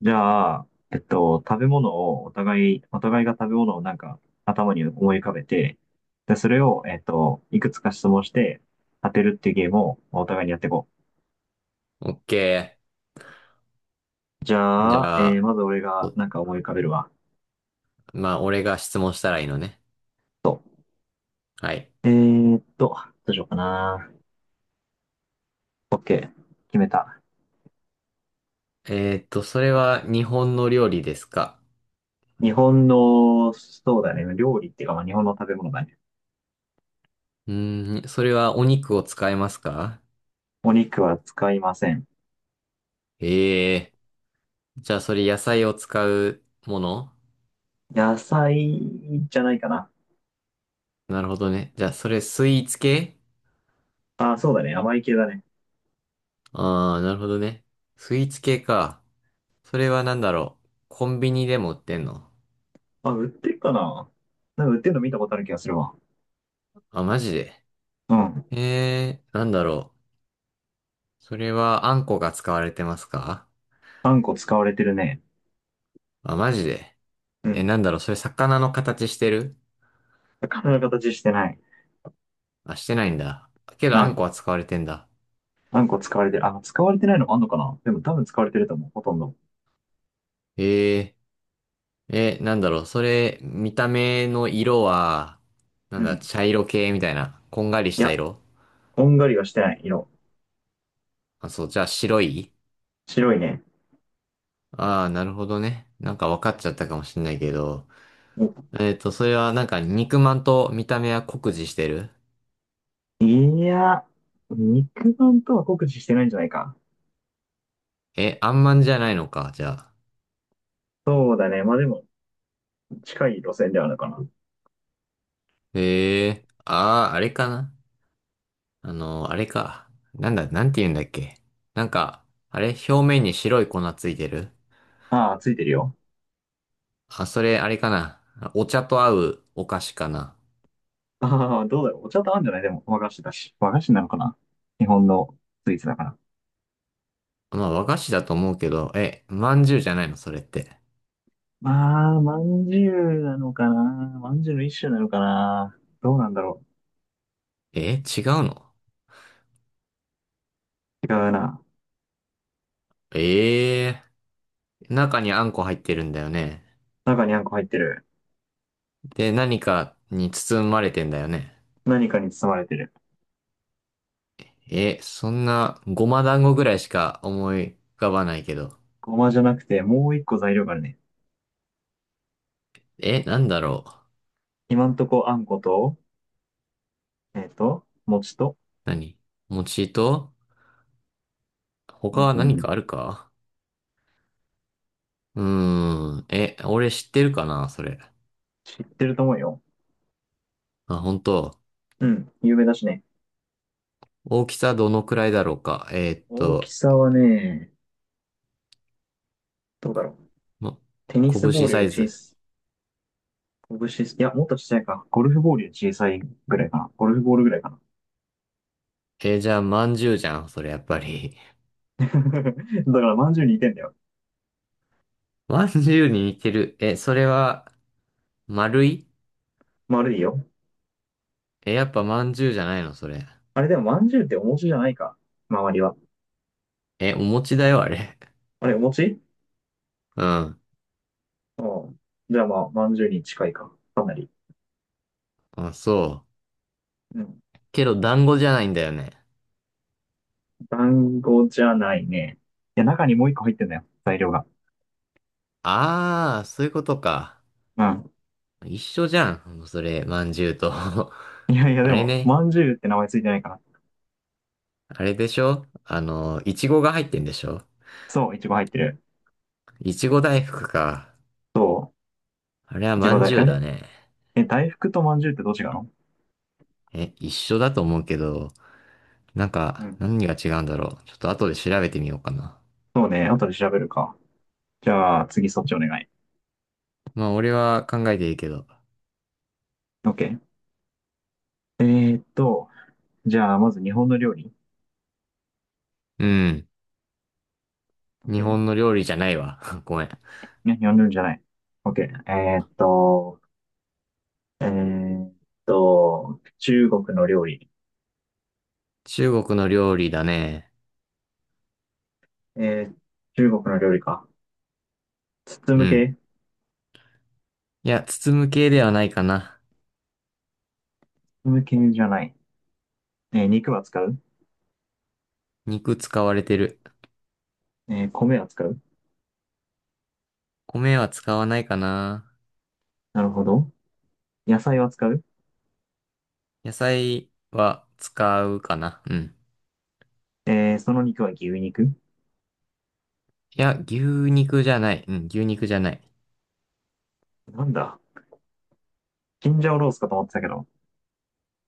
じゃあ、食べ物をお互い、お互いが食べ物をなんか頭に思い浮かべて、で、それを、いくつか質問して当てるっていうゲームをお互いにやっていこオッケう。じー。じゃあ、ゃあ、まず俺がどなんか思い浮かべるわ。まあ、俺が質問したらいいのね。そはい。う、どうしようかな。OK。決めた。それは日本の料理ですか？日本の、そうだね。料理っていうか、まあ、日本の食べ物だね。うーん、それはお肉を使いますか？お肉は使いません。ええー。じゃあ、それ野菜を使うもの？野菜じゃないかな。なるほどね。じゃあ、それスイーツ系？あ、そうだね。甘い系だね。ああー、なるほどね。スイーツ系か。それはなんだろう。コンビニでも売ってんの？あ、売ってるかな？なんか売ってるの見たことある気がするわ。あ、マジで。うん。ええー、なんだろう。それはあんこが使われてますか？あんこ使われてるね。あ、マジで。うえ、ん。なんだろう、それ魚の形してる？体の形してない。あ、してないんだ。けうど、あんこん。は使われてんだ。あんこ使われてる。あ、使われてないのもあんのかな？でも多分使われてると思う。ほとんど。えなんだろう、それ、見た目の色は、なうんだ、ん。茶色系みたいな、こんがりしいたや、色？こんがりはしてない色。あ、そう、じゃあ白い？白いね。ああー、なるほどね。なんか分かっちゃったかもしんないけど。おそれはなんか肉まんと見た目は酷似してる？いや、肉眼とは酷似してないんじゃないか。え、あんまんじゃないのか、じゃあ。そうだね。まあでも、近い路線ではあるかな。ええー、ああ、あれかな。あれか。なんだ、なんて言うんだっけ。なんか、あれ表面に白い粉ついてる？ああ、ついてるよ。あ、それ、あれかな。お茶と合うお菓子かな。ああ、どうだろう。お茶と合うんじゃない？でも、和菓子だし。和菓子なのかな？日本のスイーツだから。まあ、和菓子だと思うけど、え、まんじゅうじゃないのそれって。まあ、まんじゅうなのかな。まんじゅうの一種なのかな。どうなんだろえ、違うの？う。違うな。ええー、中にあんこ入ってるんだよね。中にあんこ入ってる。で、何かに包まれてんだよね。何かに包まれてる。え、そんな、ごま団子ぐらいしか思い浮かばないけど。ごまじゃなくて、もう一個材料があるね。え、なんだろう。今んとこあんこと、餅と。何？餅と他うんはうん何うかん。あるか？うーん。え、俺知ってるかな、それ。知ってると思うよ。あ、本当。うん、有名だしね。大きさどのくらいだろうか。大きさはね、どうだろう。ま、テニスボー拳ルよサりイ小ズ。さい。拳、いや、もっと小さいか。ゴルフボールより小さいぐらいかな。ゴルフボールぐらいかな。じゃあ、まんじゅうじゃん、それやっぱり。だから、まんじゅうに似てんだよ。まんじゅうに似てる。え、それは、丸い？丸いよ。え、やっぱまんじゅうじゃないの、それ。あれでも、まんじゅうってお餅じゃないか。周りは。え、お餅だよ、あれ。あれ、お餅？ うん。うん。じゃあまあ、まんじゅうに近いか。かなり。あ、そうん。う。けど、団子じゃないんだよね。団子じゃないね。いや、中にもう一個入ってんだよ。材料が。あー、そういうことか。うん。一緒じゃん、それ、まんじゅうと。あいやいや、でれも、ね。まんじゅうって名前ついてないから。あれでしょ？いちごが入ってんでしょ？そう、いちご入ってる。いちご大福か。そあれはう、いちまごん大、じゅあうだれ。ね。大福とまんじゅうってどっちがの？え、一緒だと思うけど、なんうか、ん。何が違うんだろう。ちょっと後で調べてみようかな。そうね、後で調べるか。じゃあ、次そっちお願い。まあ、俺は考えていいけど。OK。えーっと、じゃあ、まず日本の料理。うん。日 OK。本の料理じゃないわ。ごめん。いや、日本の料理じゃない。OK。えーっと、えーっ中国の料理。中国の料理だね。えー、中国の料理か。包うむん。系？いや、包む系ではないかな。包む系じゃない。肉は使う？肉使われてる。米は使う？米は使わないかな。なるほど。野菜は使う？野菜は使うかな。うん。その肉は牛肉？いや、牛肉じゃない。うん、牛肉じゃない。なんだ、チンジャオロースかと思ってたけど。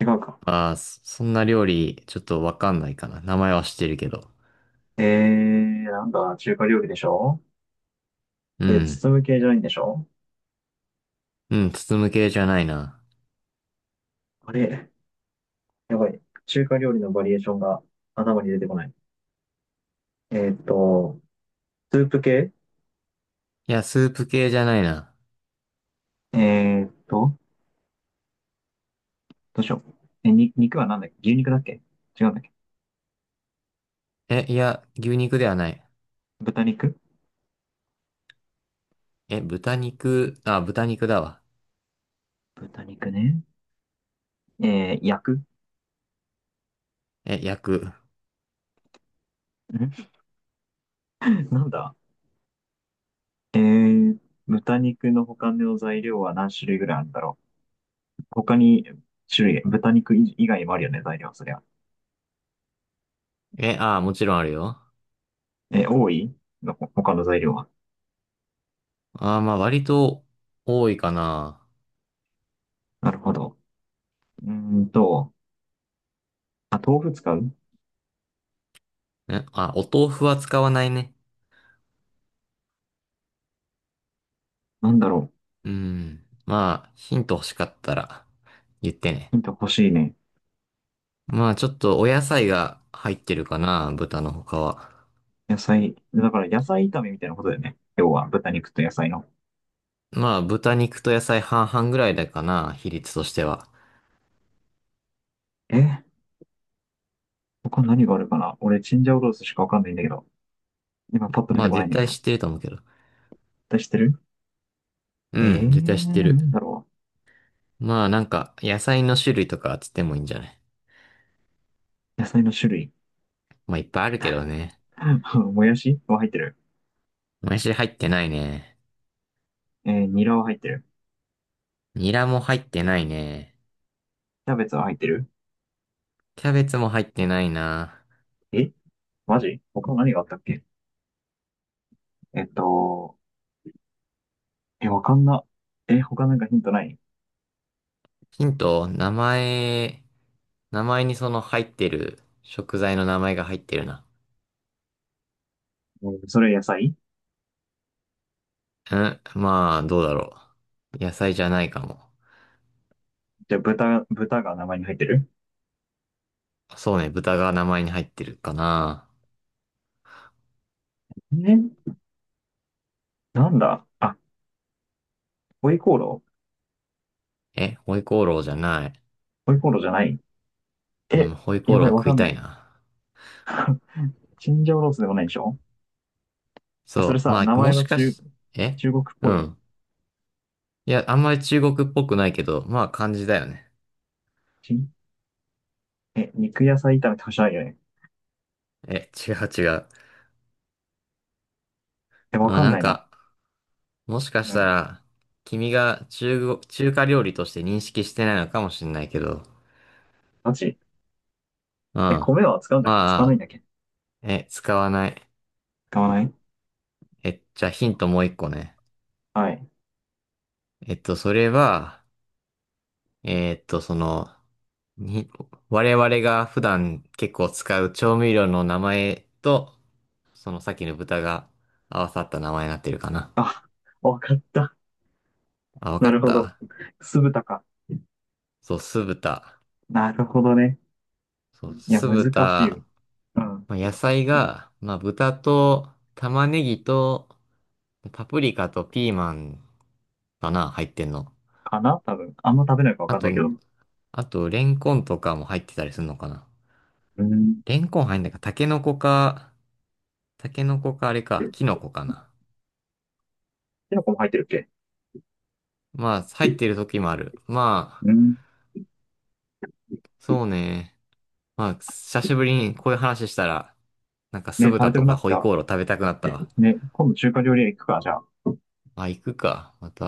違うか。ああ、そんな料理、ちょっとわかんないかな。名前は知ってるけど。なんだ、中華料理でしょ？うで、ん。包む系じゃないんでしょ？うん、包む系じゃないな。あれ、やばい。中華料理のバリエーションが頭に出てこない。えーっと、スープ系？いや、スープ系じゃないな。えーっと、どうしよう。肉はなんだっけ、牛肉だっけ？違うんだっけ？え、いや、牛肉ではない。豚肉？え、豚肉、あ、豚肉だわ。豚肉ね。焼くん？え、焼く。なんだ。えー、豚肉の他の材料は何種類ぐらいあるんだろう。他に種類、豚肉以外にもあるよね、材料、そりゃ。え、あ、もちろんあるよ。多いの？他の材料は。ああ、まあ、割と多いかな。なるほど。うーんと、あ、豆腐使う？え、あ、お豆腐は使わないね。なんだろう。うん。まあ、ヒント欲しかったら言ってね。ヒント欲しいね。まあ、ちょっとお野菜が入ってるかな、豚の他は。野菜。だから野菜炒めみたいなことだよね。要は豚肉と野菜の。まあ、豚肉と野菜半々ぐらいだかな、比率としては。えー、他何があるかな、俺、チンジャオロースしかわかんないんだけど。今パッと出まてあ、こないん絶だけ対ど。知ってると思うけど。出してる？うん、絶対知ってなんる。だろまあ、なんか、野菜の種類とかつってもいいんじゃない？う。野菜の種類。まあ、いっぱいあるけどね。もやしは入ってる？もやし入ってないね。ニラは入ってる？ニラも入ってないね。キャベツは入ってる？キャベツも入ってないな。えマジ、他何があったっけ？えっと、わかんな。他なんかヒントない？ヒント、名前にその入ってる食材の名前が入ってるな。それ野菜？うん、まあ、どうだろう。野菜じゃないかも。じゃあ豚が名前に入ってる？そうね、豚が名前に入ってるかな。えーなんだあ、ホイコーロー？え、ホイコーローじゃない。ホイコーローじゃない？うえ、ん、ホイコやーロばーい、わ食かいんたないい。な。チンジャオロースでもないでしょ？それそう。さ、ま名あ、も前しはかし、え中国っうぽい？ん。いや、あんまり中国っぽくないけど、まあ、漢字だよね。チンえ、肉野菜炒めって欲しいよね。え、違う違う。わまあ、かんなんないな。か、もしかうしたん。ら、君が中華料理として認識してないのかもしれないけど、マジ。うん。ま米は使うんだっけ、使わないんあ、だっけ？使わない。使わない？え、じゃあヒントもう一個ね。はい。それは、えっと、その、に、我々が普段結構使う調味料の名前と、そのさっきの豚が合わさった名前になってるかな。あ、わかった。あ、わなかるっほど。た。酢豚か。そう、酢豚。なるほどね。そう、いや、酢難しい。豚。うん。まあ、野菜が、まあ、豚と玉ねぎとパプリカとピーマンかな、入ってんの。かな、多分。あんま食べないかわあかんなと、いけど。あと、レンコンとかも入ってたりするのかな。うん。レンコン入んないか、タケノコかあれか、キノコかな。きのこも入ってるっけ？まあ、入ってる時もある。まあ、うん。そうね。まあ、久しぶりにこういう話したら、なんか酢ね、食べ豚たくとなっかてきホイた。コーロー食べたくなったわ。ね、今度中華料理屋行くか、じゃあ。まあ、行くか。また。